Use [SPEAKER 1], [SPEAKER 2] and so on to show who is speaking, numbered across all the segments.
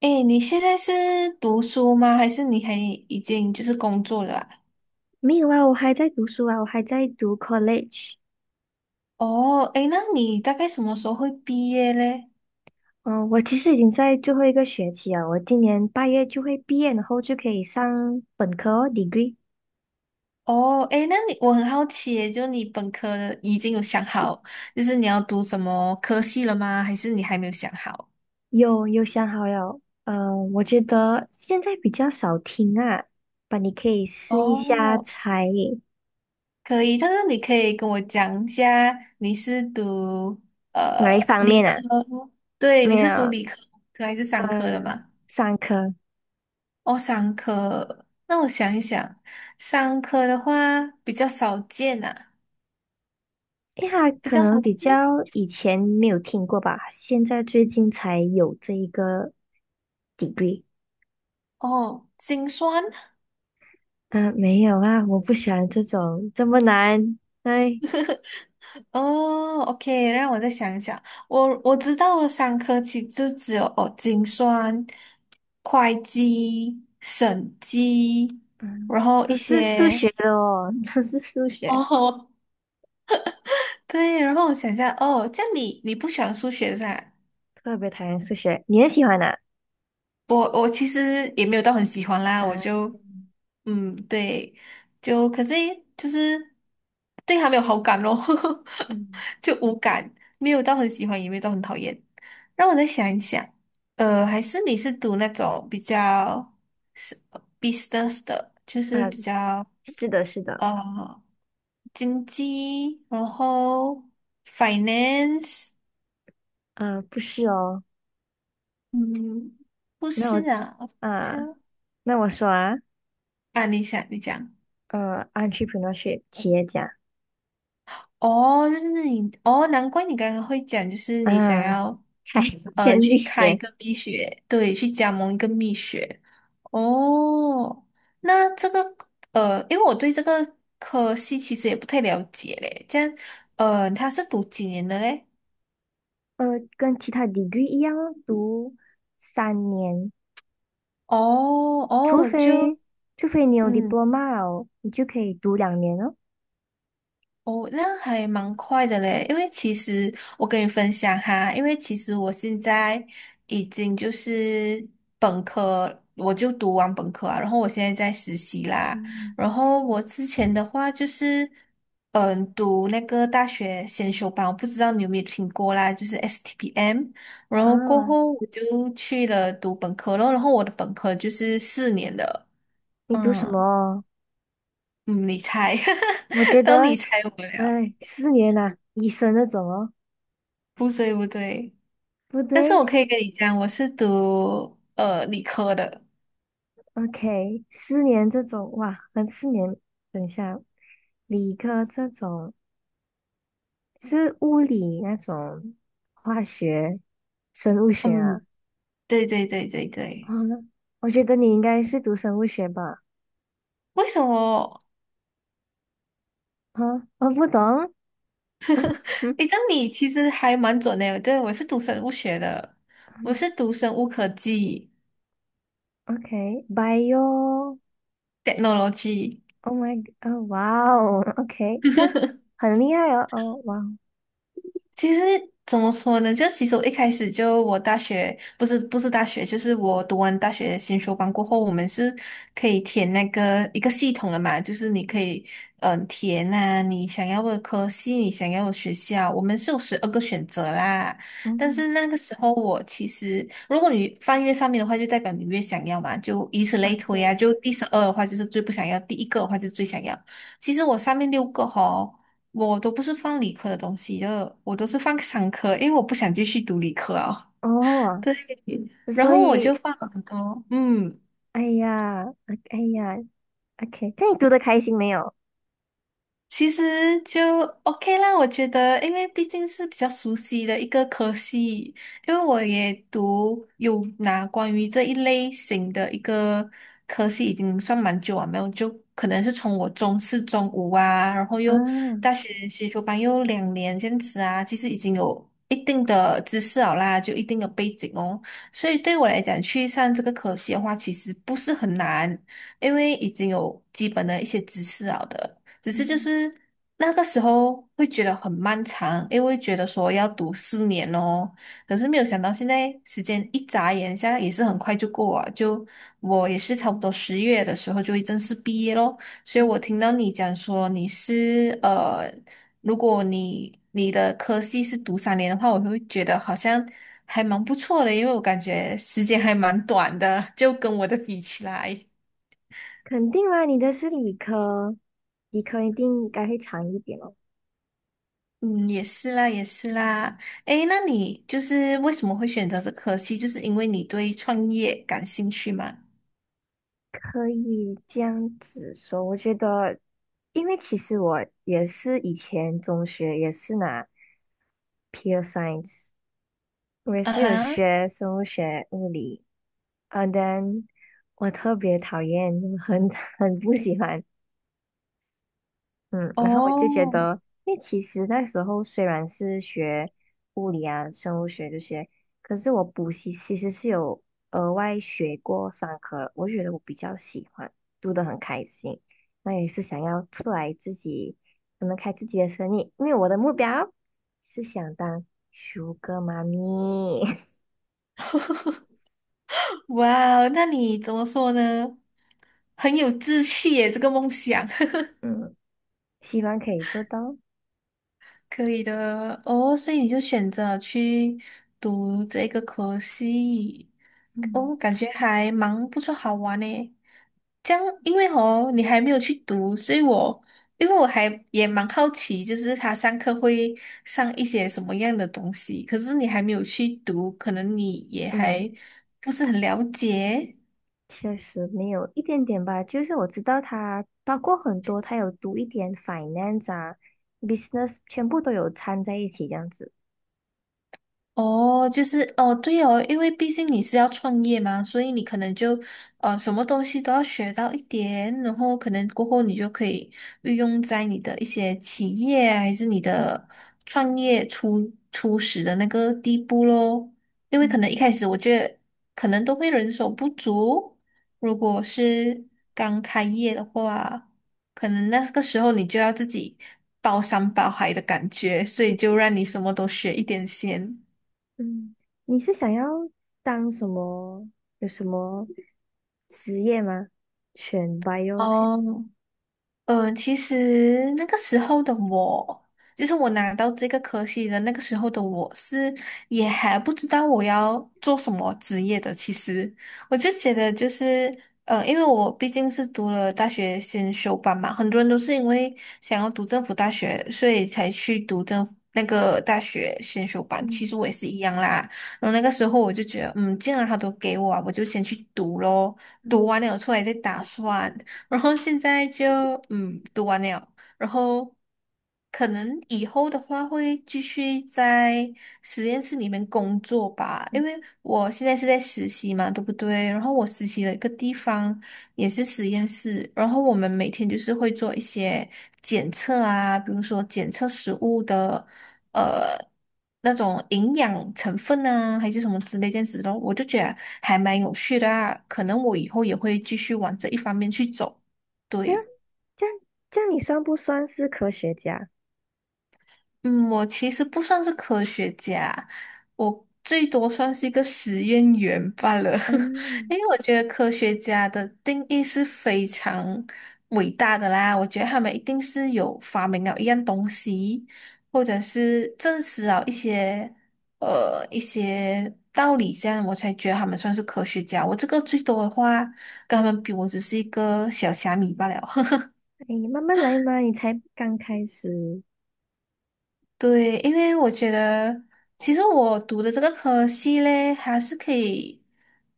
[SPEAKER 1] 诶，你现在是读书吗？还是你还已经就是工作了啊。
[SPEAKER 2] 没有啊，我还在读书啊，我还在读 college。
[SPEAKER 1] 哦，诶，那你大概什么时候会毕业嘞？
[SPEAKER 2] 嗯、我其实已经在最后一个学期啊，我今年8月就会毕业，然后就可以上本科哦 degree。
[SPEAKER 1] 哦，诶，那你我很好奇耶，就你本科的已经有想好，就是你要读什么科系了吗？还是你还没有想好？
[SPEAKER 2] 有想好了。嗯，我觉得现在比较少听啊，吧，你可以试一下
[SPEAKER 1] 哦，
[SPEAKER 2] 才
[SPEAKER 1] 可以，但是你可以跟我讲一下，你是读呃
[SPEAKER 2] 哪一方
[SPEAKER 1] 理
[SPEAKER 2] 面
[SPEAKER 1] 科，
[SPEAKER 2] 啊？
[SPEAKER 1] 对，你
[SPEAKER 2] 没
[SPEAKER 1] 是读
[SPEAKER 2] 有。
[SPEAKER 1] 理科还是商科的
[SPEAKER 2] 呃，
[SPEAKER 1] 吗？
[SPEAKER 2] 上课。
[SPEAKER 1] 哦，三科，那我想一想，三科的话比较少见啊，
[SPEAKER 2] 因为它
[SPEAKER 1] 比
[SPEAKER 2] 可
[SPEAKER 1] 较
[SPEAKER 2] 能
[SPEAKER 1] 少
[SPEAKER 2] 比较
[SPEAKER 1] 见。
[SPEAKER 2] 以前没有听过吧，现在最近才有这一个 degree。
[SPEAKER 1] 哦，精酸，
[SPEAKER 2] 嗯，没有啊，我不喜欢这种这么难。哎，
[SPEAKER 1] 哦，OK，让我再想一想，我知道的三科其实就只有哦，精算、会计、审计，
[SPEAKER 2] 嗯，
[SPEAKER 1] 然后
[SPEAKER 2] 都
[SPEAKER 1] 一
[SPEAKER 2] 是数
[SPEAKER 1] 些
[SPEAKER 2] 学的哦，都是数学，
[SPEAKER 1] 哦，对，然后我想一下，哦，这样你不喜欢数学是吧？
[SPEAKER 2] 特别讨厌数学。你也喜欢的？
[SPEAKER 1] 我其实也没有到很喜欢啦，我
[SPEAKER 2] 嗯
[SPEAKER 1] 就嗯对，就可是就是对他没有好感咯，
[SPEAKER 2] 嗯
[SPEAKER 1] 就无感，没有到很喜欢，也没有到很讨厌。让我再想一想，还是你是读那种比较是 business 的，就是
[SPEAKER 2] 啊，
[SPEAKER 1] 比较
[SPEAKER 2] 是的，是的。
[SPEAKER 1] 呃经济，然后 finance，
[SPEAKER 2] 啊，不是哦。
[SPEAKER 1] 嗯，不
[SPEAKER 2] 那我
[SPEAKER 1] 是啊，我
[SPEAKER 2] 啊，
[SPEAKER 1] 想
[SPEAKER 2] 那我说啊。
[SPEAKER 1] 啊，你想你讲。
[SPEAKER 2] entrepreneurship 企业家
[SPEAKER 1] 哦，就是你哦，难怪你刚刚会讲，就是你想
[SPEAKER 2] 啊，
[SPEAKER 1] 要
[SPEAKER 2] 开建
[SPEAKER 1] 去
[SPEAKER 2] 力
[SPEAKER 1] 开一
[SPEAKER 2] 学。
[SPEAKER 1] 个蜜雪，对，去加盟一个蜜雪。哦，那这个因为我对这个科系其实也不太了解嘞，这样他是读几年的嘞？
[SPEAKER 2] 呃，跟其他 degree 一样哦读3年。
[SPEAKER 1] 哦
[SPEAKER 2] 除
[SPEAKER 1] 哦，就
[SPEAKER 2] 非除非你有
[SPEAKER 1] 嗯，
[SPEAKER 2] diploma 哦，你就可以读2年哦。
[SPEAKER 1] 哦，那还蛮快的嘞，因为其实我跟你分享哈，因为其实我现在已经就是本科，我就读完本科啊，然后我现在在实习啦，
[SPEAKER 2] 嗯。
[SPEAKER 1] 然后我之前的话就是，嗯，读那个大学先修班，我不知道你有没有听过啦，就是 STPM，然后过
[SPEAKER 2] 啊，
[SPEAKER 1] 后我就去了读本科咯，然后我的本科就是4年的，
[SPEAKER 2] 你读什
[SPEAKER 1] 嗯
[SPEAKER 2] 么？
[SPEAKER 1] 嗯，你猜，
[SPEAKER 2] 我觉
[SPEAKER 1] 当你
[SPEAKER 2] 得，
[SPEAKER 1] 猜我了，
[SPEAKER 2] 哎，四年呐、医生那种哦，
[SPEAKER 1] 不对不对。
[SPEAKER 2] 不
[SPEAKER 1] 但是
[SPEAKER 2] 对
[SPEAKER 1] 我可以跟你讲，我是读理科的。
[SPEAKER 2] ，OK,四年这种，哇，那四年，等一下，理科这种是物理那种，化学、生物学
[SPEAKER 1] 嗯，
[SPEAKER 2] 啊。
[SPEAKER 1] 对对对对
[SPEAKER 2] 啊，
[SPEAKER 1] 对。
[SPEAKER 2] 我觉得你应该是读生物学吧？
[SPEAKER 1] 为什么？
[SPEAKER 2] 啊，我不懂，嗯嗯
[SPEAKER 1] 诶，但你其实还蛮准的。对，我是读生物学的，我
[SPEAKER 2] 嗯
[SPEAKER 1] 是读生物科技
[SPEAKER 2] ，OK，bio，Oh
[SPEAKER 1] （technology）。
[SPEAKER 2] my，g o 哦，哇哦，OK,这样很厉害哦，哦，哇哦。
[SPEAKER 1] 其实怎么说呢？就其实我一开始就我大学不是大学，就是我读完大学先修班过后，我们是可以填那个一个系统的嘛，就是你可以填啊你想要的科系，你想要的学校，我们是有12个选择啦。但
[SPEAKER 2] 嗯。
[SPEAKER 1] 是那个时候我其实，如果你翻越上面的话，就代表你越想要嘛，就以此
[SPEAKER 2] 啊，
[SPEAKER 1] 类
[SPEAKER 2] 对，
[SPEAKER 1] 推啊。就第12的话就是最不想要，第一个的话就是最想要。其实我上面六个哈。我都不是放理科的东西的，就我都是放商科，因为我不想继续读理科啊。
[SPEAKER 2] 哦，
[SPEAKER 1] 对，然
[SPEAKER 2] 所
[SPEAKER 1] 后我就
[SPEAKER 2] 以，
[SPEAKER 1] 放了很多，嗯，
[SPEAKER 2] 哎呀，啊哎呀，OK,那你读的开心没有？
[SPEAKER 1] 其实就 OK 啦，我觉得，因为毕竟是比较熟悉的一个科系，因为我也读有拿关于这一类型的一个科系，已经算蛮久啊，没有，就可能是从我中四、中五啊，然后
[SPEAKER 2] 啊，
[SPEAKER 1] 又大学学修班又2年这样子啊，其实已经有一定的知识了啦，就一定的背景哦，所以对我来讲，去上这个科系的话，其实不是很难，因为已经有基本的一些知识了的。只是就
[SPEAKER 2] 嗯，
[SPEAKER 1] 是那个时候会觉得很漫长，因为觉得说要读四年哦，可是没有想到现在时间一眨眼，现在也是很快就过啊，就我也是差不多10月的时候就正式毕业咯，所以我听到你讲说如果你的科系是读3年的话，我会觉得好像还蛮不错的，因为我感觉时间还蛮短的，就跟我的比起来。
[SPEAKER 2] 肯定啦，你的是理科，理科一定应该会长一点哦。
[SPEAKER 1] 嗯，也是啦，也是啦。诶，那你就是为什么会选择这科系？就是因为你对创业感兴趣吗？
[SPEAKER 2] 可以这样子说，我觉得，因为其实我也是以前中学也是拿 pure science,我也
[SPEAKER 1] 啊
[SPEAKER 2] 是有
[SPEAKER 1] 哈，
[SPEAKER 2] 学生物学、物理，啊，但我特别讨厌，很 很不喜欢。嗯，然后我就觉
[SPEAKER 1] 哦，
[SPEAKER 2] 得，因为其实那时候虽然是学物理啊、生物学这些，可是我补习其实是有额外学过三科，我觉得我比较喜欢，读得很开心。那也是想要出来自己，可能开自己的生意，因为我的目标是想当舒哥妈咪。
[SPEAKER 1] 哇哦，那你怎么说呢？很有志气耶，这个梦想。
[SPEAKER 2] 嗯，希望可以做到。
[SPEAKER 1] 可以的哦，所以你就选择去读这个科系，
[SPEAKER 2] 嗯。
[SPEAKER 1] 哦，感觉还蛮不错，好玩呢。这样，因为哦，你还没有去读，所以我因为我还也蛮好奇，就是他上课会上一些什么样的东西，可是你还没有去读，可能你也
[SPEAKER 2] 嗯。
[SPEAKER 1] 还不是很了解。
[SPEAKER 2] 确实没有一点点吧，就是我知道他包括很多，他有读一点 finance 啊、business,全部都有掺在一起这样子。
[SPEAKER 1] 哦，就是哦，对哦，因为毕竟你是要创业嘛，所以你可能就什么东西都要学到一点，然后可能过后你就可以运用在你的一些企业啊还是你的创业初始的那个地步咯。因为可能一
[SPEAKER 2] 嗯
[SPEAKER 1] 开始我觉得可能都会人手不足，如果是刚开业的话，可能那个时候你就要自己包山包海的感觉，所以就让你什么都学一点先。
[SPEAKER 2] 嗯，你是想要当什么？有什么职业吗？选 biotech。
[SPEAKER 1] 哦，其实那个时候的我，就是我拿到这个科系的那个时候的我是也还不知道我要做什么职业的。其实我就觉得就是，因为我毕竟是读了大学先修班嘛，很多人都是因为想要读政府大学，所以才去读政府那个大学先修班。其
[SPEAKER 2] 嗯
[SPEAKER 1] 实我也是一样啦。然后那个时候我就觉得，嗯，既然他都给我啊我就先去读咯。
[SPEAKER 2] 嗯，
[SPEAKER 1] 读完了出来再打算。然后现在就嗯读完了，然后可能以后的话会继续在实验室里面工作吧，因为我现在是在实习嘛，对不对？然后我实习的一个地方也是实验室，然后我们每天就是会做一些检测啊，比如说检测食物的呃那种营养成分啊，还是什么之类这样子的，我就觉得还蛮有趣的啊，可能我以后也会继续往这一方面去走，
[SPEAKER 2] 这样
[SPEAKER 1] 对。
[SPEAKER 2] 这样这样，你算不算是科学家？
[SPEAKER 1] 嗯，我其实不算是科学家，我最多算是一个实验员罢了。
[SPEAKER 2] 嗯。
[SPEAKER 1] 因为我觉得科学家的定义是非常伟大的啦，我觉得他们一定是有发明了一样东西，或者是证实了一些一些道理，这样我才觉得他们算是科学家。我这个最多的话，跟他们比，我只是一个小虾米罢了。
[SPEAKER 2] 哎，慢慢来嘛，你才刚开始。
[SPEAKER 1] 对，因为我觉得，其实我读的这个科系嘞，还是可以，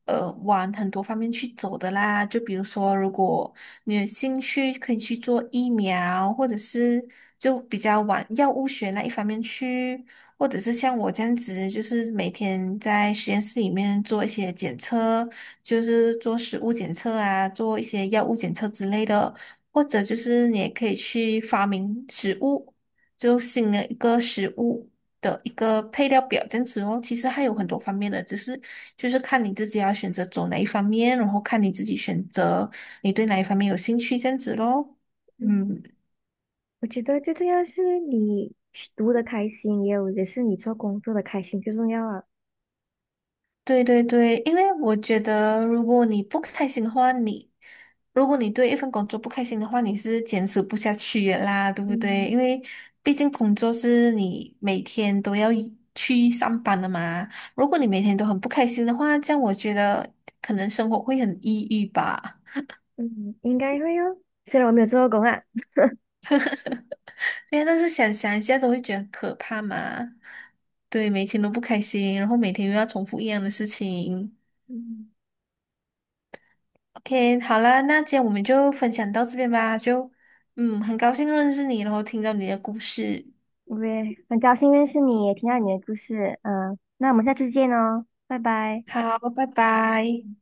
[SPEAKER 1] 往很多方面去走的啦。就比如说，如果你有兴趣，可以去做疫苗，或者是就比较往药物学那一方面去，或者是像我这样子，就是每天在实验室里面做一些检测，就是做食物检测啊，做一些药物检测之类的。或者就是你也可以去发明食物，就新的一个食物的一个配料表这样子哦。其实还有很多
[SPEAKER 2] 嗯
[SPEAKER 1] 方面的，只是就是看你自己要选择走哪一方面，然后看你自己选择你对哪一方面有兴趣这样子咯。
[SPEAKER 2] 嗯。
[SPEAKER 1] 嗯。
[SPEAKER 2] 我觉得最重要是你读的开心，也是你做工作的开心最重要啊。
[SPEAKER 1] 对对对，因为我觉得，如果你不开心的话，如果你对一份工作不开心的话，你是坚持不下去的啦，对不对？
[SPEAKER 2] 嗯
[SPEAKER 1] 因为毕竟工作是你每天都要一去上班的嘛。如果你每天都很不开心的话，这样我觉得可能生活会很抑郁吧。
[SPEAKER 2] 嗯，应该会哦。虽然我没有做过工啊。
[SPEAKER 1] 对呀，但是想想一下都会觉得很可怕嘛。对，每天都不开心，然后每天又要重复一样的事情。
[SPEAKER 2] 嗯，
[SPEAKER 1] OK，好了，那今天我们就分享到这边吧。就，嗯，很高兴认识你，然后听到你的故事。
[SPEAKER 2] 我也很高兴认识你，也听到你的故事。嗯，那我们下次见哦，拜拜。
[SPEAKER 1] 好，拜拜。